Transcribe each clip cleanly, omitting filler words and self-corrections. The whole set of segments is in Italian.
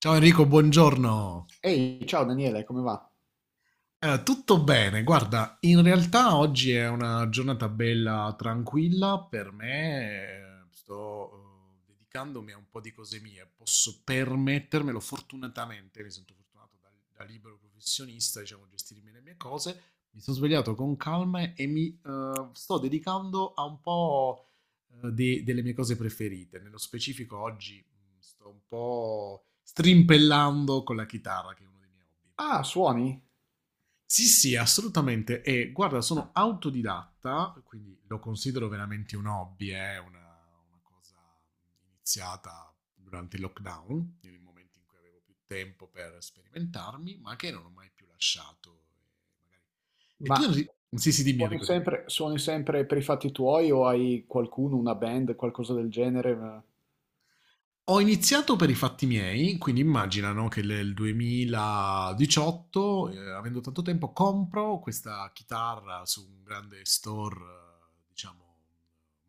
Ciao Enrico, buongiorno. Ehi, ciao Daniele, come va? Tutto bene, guarda, in realtà oggi è una giornata bella tranquilla per me, sto dedicandomi a un po' di cose mie, posso permettermelo fortunatamente, mi sento fortunato da libero professionista, diciamo, gestirmi le mie cose, mi sono svegliato con calma e mi sto dedicando a un po' delle mie cose preferite, nello specifico oggi sto un po' strimpellando con la chitarra, che è uno dei miei hobby. Ah, suoni? Sì, sì, assolutamente. E guarda, sono autodidatta, quindi lo considero veramente un hobby, è una cosa iniziata durante il lockdown, nel momento in cui avevo più tempo per sperimentarmi, ma che non ho mai più lasciato. E tu, Ma Enri- sì, sì, dimmi Enrico. Dimmi. Suoni sempre per i fatti tuoi o hai qualcuno, una band, qualcosa del genere? Ho iniziato per i fatti miei, quindi immagina, no, che nel 2018, avendo tanto tempo, compro questa chitarra su un grande store, diciamo,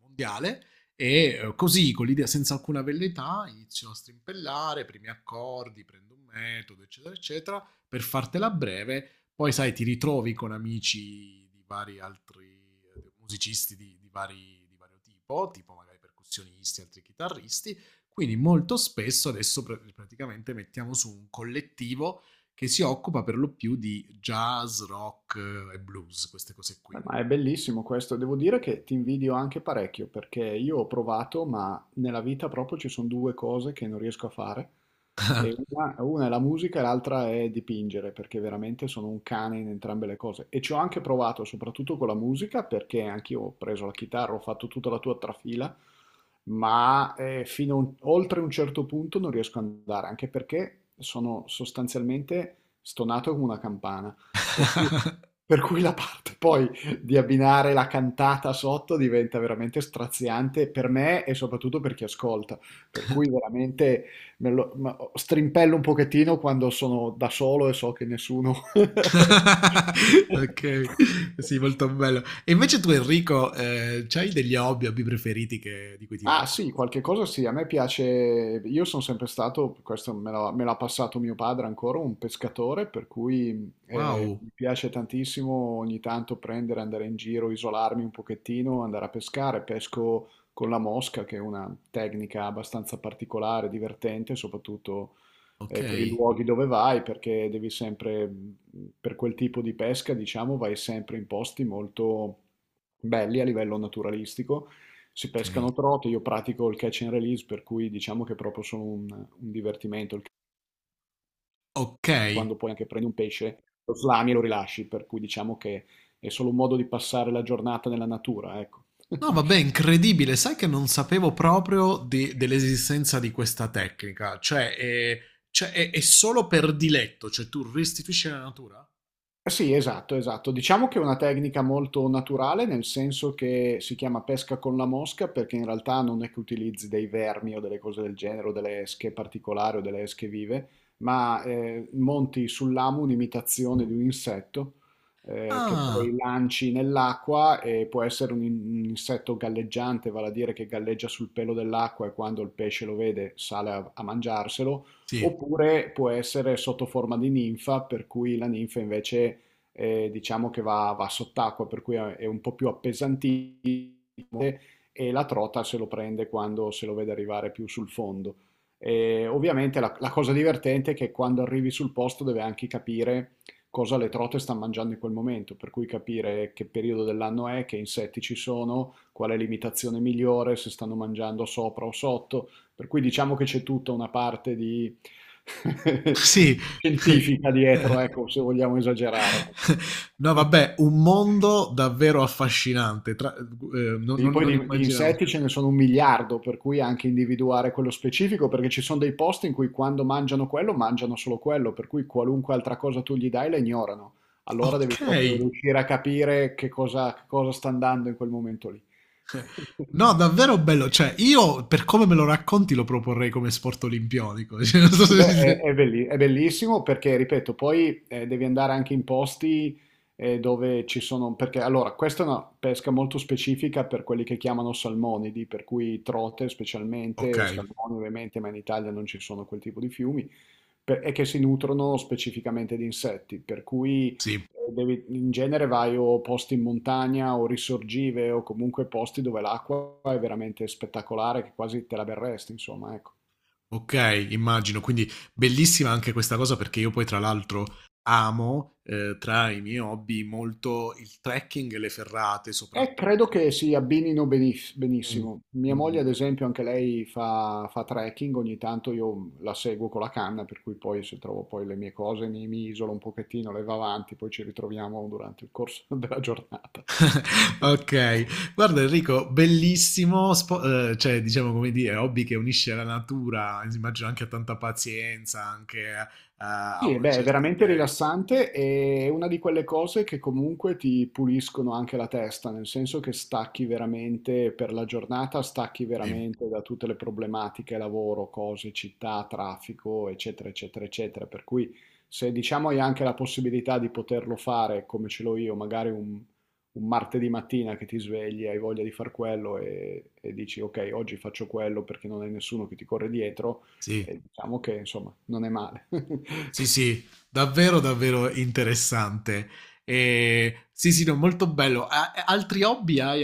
mondiale e così, con l'idea senza alcuna velleità, inizio a strimpellare, primi accordi, prendo un metodo, eccetera, eccetera, per fartela breve, poi sai, ti ritrovi con amici di vari altri musicisti di vario tipo, tipo magari percussionisti, altri chitarristi, quindi molto spesso adesso praticamente mettiamo su un collettivo che si occupa per lo più di jazz, rock e blues, queste cose qui, Beh, no? ma è bellissimo questo, devo dire che ti invidio anche parecchio perché io ho provato, ma nella vita proprio ci sono due cose che non riesco a fare. E una è la musica e l'altra è dipingere, perché veramente sono un cane in entrambe le cose. E ci ho anche provato, soprattutto con la musica, perché anch'io ho preso la chitarra, ho fatto tutta la tua trafila, ma oltre un certo punto non riesco ad andare, anche perché sono sostanzialmente stonato come una campana. Per cui, per cui la parte poi di abbinare la cantata sotto diventa veramente straziante per me e soprattutto per chi ascolta. Per cui veramente strimpello un pochettino quando sono da solo e so che nessuno Ok, sì, molto bello. E invece tu, Enrico, c'hai degli hobby, hobby preferiti di cui ti Ah occupi? sì, qualche cosa sì, a me piace, io sono sempre stato, questo me l'ha passato mio padre ancora, un pescatore, per cui Wow, mi piace tantissimo ogni tanto prendere, andare in giro, isolarmi un pochettino, andare a pescare, pesco con la mosca, che è una tecnica abbastanza particolare, divertente, soprattutto ok, per i luoghi dove vai, perché devi sempre, per quel tipo di pesca, diciamo, vai sempre in posti molto belli a livello naturalistico. Si ok, pescano trote, io pratico il catch and release, per cui diciamo che è proprio solo un divertimento, ok. quando poi anche prendi un pesce, lo slami e lo rilasci, per cui diciamo che è solo un modo di passare la giornata nella natura, ecco. No, vabbè, incredibile. Sai che non sapevo proprio dell'esistenza di questa tecnica. Cioè, è solo per diletto, cioè tu restituisci la natura? Eh sì, esatto, esatto. Diciamo che è una tecnica molto naturale, nel senso che si chiama pesca con la mosca, perché in realtà non è che utilizzi dei vermi o delle cose del genere, o delle esche particolari o delle esche vive, ma monti sull'amo un'imitazione di un insetto che poi Ah, lanci nell'acqua e può essere un insetto galleggiante, vale a dire che galleggia sul pelo dell'acqua e quando il pesce lo vede sale a mangiarselo. sì. Oppure può essere sotto forma di ninfa, per cui la ninfa invece diciamo che va sott'acqua, per cui è un po' più appesantito e la trota se lo prende quando se lo vede arrivare più sul fondo. E ovviamente la cosa divertente è che quando arrivi sul posto deve anche capire cosa le trote stanno mangiando in quel momento, per cui capire che periodo dell'anno è, che insetti ci sono, qual è l'imitazione migliore, se stanno mangiando sopra o sotto. Per cui diciamo che c'è tutta una parte di Sì. scientifica dietro, ecco, se vogliamo esagerare. No, vabbè, un mondo davvero affascinante. Sì, poi Non di immaginavo. insetti ce ne sono un miliardo, per cui anche individuare quello specifico, perché ci sono dei posti in cui quando mangiano quello, mangiano solo quello, per cui qualunque altra cosa tu gli dai la ignorano. Allora Ok. devi proprio riuscire a capire che cosa sta andando in quel momento lì. No, davvero bello. Cioè, io per come me lo racconti lo proporrei come sport olimpionico. Cioè, non so Sì, se beh, si- è bellissimo perché, ripeto, poi devi andare anche in posti dove ci sono, perché allora, questa è una pesca molto specifica per quelli che chiamano salmonidi, per cui trote ok, specialmente, salmoni ovviamente, ma in Italia non ci sono quel tipo di fiumi, e che si nutrono specificamente di insetti, per cui sì. In genere vai o posti in montagna o risorgive o comunque posti dove l'acqua è veramente spettacolare, che quasi te la berresti, insomma, ecco. Ok, immagino, quindi bellissima anche questa cosa perché io poi tra l'altro amo tra i miei hobby molto il trekking e le ferrate Credo soprattutto. che si Mm. benissimo. Mia moglie, Mm. ad esempio, anche lei fa trekking, ogni tanto io la seguo con la canna, per cui poi se trovo poi le mie cose mi isolo un pochettino, le va avanti, poi ci ritroviamo durante il corso della giornata. Ok, guarda Enrico, bellissimo, cioè diciamo come dire, hobby che unisce la natura, immagino anche a tanta pazienza, anche a Sì, una beh, è certa veramente tecnica. rilassante e è una di quelle cose che comunque ti puliscono anche la testa, nel senso che stacchi veramente per la giornata, stacchi Sì, veramente da tutte le problematiche, lavoro, cose, città, traffico, eccetera, eccetera, eccetera. Per cui se diciamo hai anche la possibilità di poterlo fare come ce l'ho io, magari un martedì mattina che ti svegli, hai voglia di far quello e dici ok, oggi faccio quello perché non hai nessuno che ti corre dietro, sì. e diciamo che insomma non è male. Sì, sì, davvero, davvero interessante. E sì, sì, no, molto bello. Altri hobby hai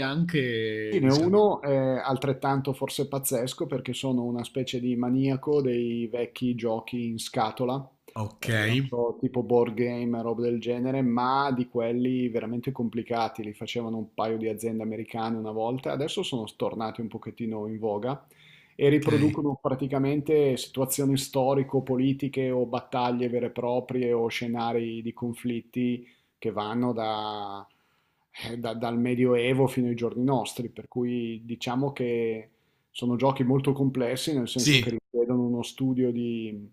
Sì, anche, ne ho diciamo. uno altrettanto forse pazzesco perché sono una specie di maniaco dei vecchi giochi in scatola, Ok, non so, tipo board game, roba del genere, ma di quelli veramente complicati, li facevano un paio di aziende americane una volta, adesso sono tornati un pochettino in voga e ok. riproducono praticamente situazioni storico-politiche o battaglie vere e proprie o scenari di conflitti che vanno dal Medioevo fino ai giorni nostri, per cui diciamo che sono giochi molto complessi, nel senso che Sì, richiedono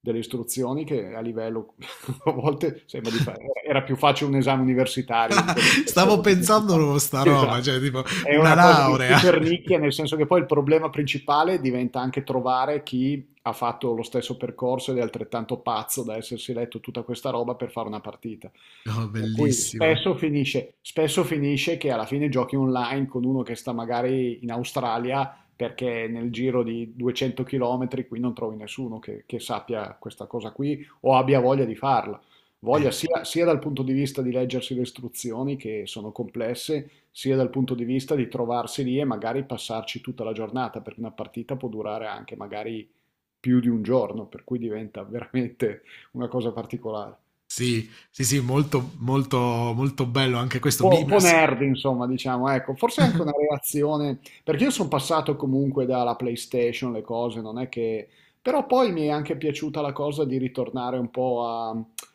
delle istruzioni che a livello, a volte sembra di fare, era più facile un esame universitario di quelli che stavo facevo, di questi qua. pensando a sta roba, Esatto. cioè tipo È una una cosa di laurea. super nicchia, nel senso che poi il problema principale diventa anche trovare chi ha fatto lo stesso percorso ed è altrettanto pazzo da essersi letto tutta questa roba per fare una partita. No, Per cui bellissimo. Spesso finisce che alla fine giochi online con uno che sta magari in Australia perché nel giro di 200 km qui non trovi nessuno che sappia questa cosa qui o abbia voglia di farla. Voglia Sì, sia dal punto di vista di leggersi le istruzioni che sono complesse, sia dal punto di vista di trovarsi lì e magari passarci tutta la giornata, perché una partita può durare anche magari più di un giorno, per cui diventa veramente una cosa particolare. sì, sì, sì, molto, molto, molto bello anche questo. Mi... Un po' nerd, insomma, diciamo, ecco, forse anche una relazione, perché io sono passato comunque dalla PlayStation, le cose, non è che... Però poi mi è anche piaciuta la cosa di ritornare un po'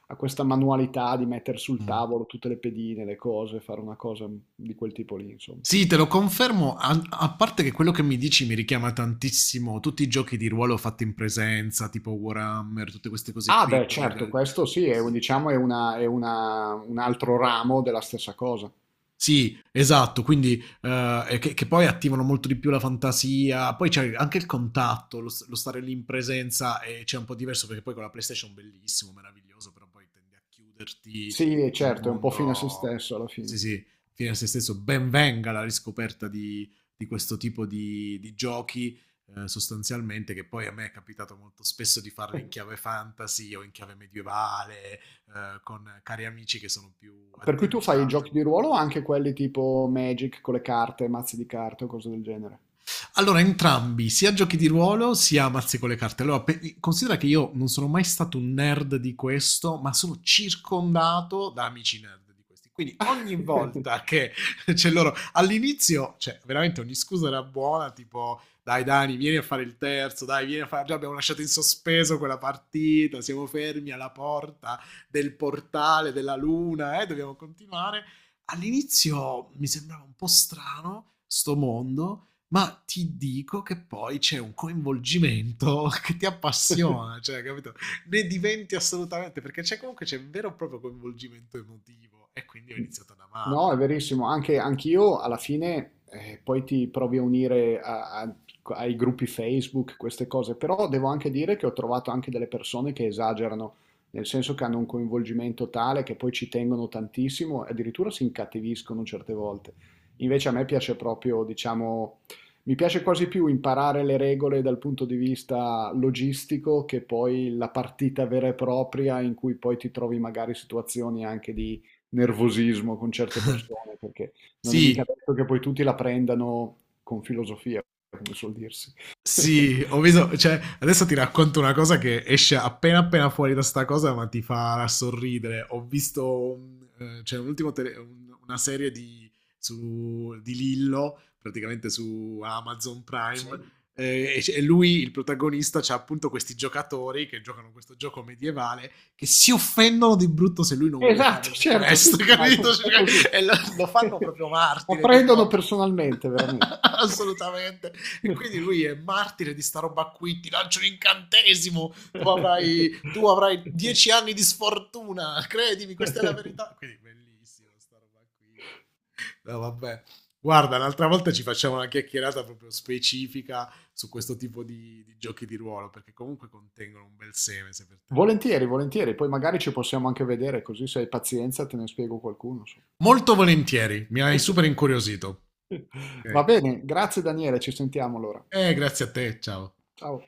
a questa manualità di mettere sul Mm. tavolo tutte le pedine, le cose, fare una cosa di quel tipo lì, insomma. Sì, te lo confermo, a parte che quello che mi dici mi richiama tantissimo tutti i giochi di ruolo fatti in presenza, tipo Warhammer, tutte queste cose Ah, qui. beh, Con i certo, questo sì, è, un- sì. diciamo, è una- un altro ramo della stessa cosa. Sì, esatto, quindi che poi attivano molto di più la fantasia, poi c'è anche il contatto, lo stare lì in presenza e c'è un po' diverso perché poi con la PlayStation bellissimo, meraviglioso, però poi tendi a chiuderti Sì, in un certo, è un po' fine a se mondo, stesso alla fine. sì sì, fine a se stesso, ben venga la riscoperta di questo tipo di giochi sostanzialmente, che poi a me è capitato molto spesso di farle in chiave fantasy o in chiave medievale, con cari amici che sono più Per cui tu fai i addentrati. giochi di ruolo o anche quelli tipo Magic con le carte, mazzi di carte o cose del genere? Allora, entrambi, sia giochi di ruolo sia mazzi con le carte. Allora, considera che io non sono mai stato un nerd di questo, ma sono circondato da amici nerd di questi. Quindi ogni volta che c'è loro all'inizio, cioè veramente ogni scusa era buona, tipo dai Dani, vieni a fare il terzo, dai, vieni a fare... Già abbiamo lasciato in sospeso quella partita, siamo fermi alla porta del portale della luna, dobbiamo continuare. All'inizio mi sembrava un po' strano sto mondo, ma ti dico che poi c'è un coinvolgimento che ti appassiona, cioè, capito? Ne diventi assolutamente, perché c'è comunque c'è un vero e proprio coinvolgimento emotivo e quindi ho iniziato ad No, amarlo. è verissimo, anche anch'io alla fine poi ti provi a unire ai gruppi Facebook, queste cose, però devo anche dire che ho trovato anche delle persone che esagerano, nel senso che hanno un coinvolgimento tale che poi ci tengono tantissimo e addirittura si incattiviscono certe volte. Invece a me piace proprio, diciamo, mi piace quasi più imparare le regole dal punto di vista logistico che poi la partita vera e propria in cui poi ti trovi magari situazioni anche di nervosismo con certe persone, perché non è mica Sì, detto che poi tutti la prendano con filosofia, come suol dirsi. sì, ho visto, cioè, adesso ti racconto una cosa che esce appena appena fuori da sta cosa, ma ti farà sorridere. Ho visto, c'è un ultimo una serie su, di Lillo, praticamente su Amazon Prime, Sì. E lui, il protagonista, c'ha appunto questi giocatori che giocano questo gioco medievale che si offendono di brutto se lui non vuole Esatto, fare le certo, sì, quest, sì, ma capito? È così. Cioè, e lo fanno proprio La martire, prendono tipo... personalmente, veramente. Assolutamente. E quindi lui è martire di sta roba qui, ti lancio un incantesimo, tu avrai 10 anni di sfortuna, credimi, questa è la verità. Quindi bellissimo sta roba qui. Eh. No, vabbè. Guarda, un'altra volta ci facciamo una chiacchierata proprio specifica su questo tipo di giochi di ruolo, perché comunque contengono un bel seme, se per te. Volentieri, volentieri, poi magari ci possiamo anche vedere, così se hai pazienza te ne spiego qualcuno. Molto volentieri, mi hai Insomma. super incuriosito. Va Ok. bene, grazie Daniele, ci sentiamo allora. Grazie a te, ciao. Ciao.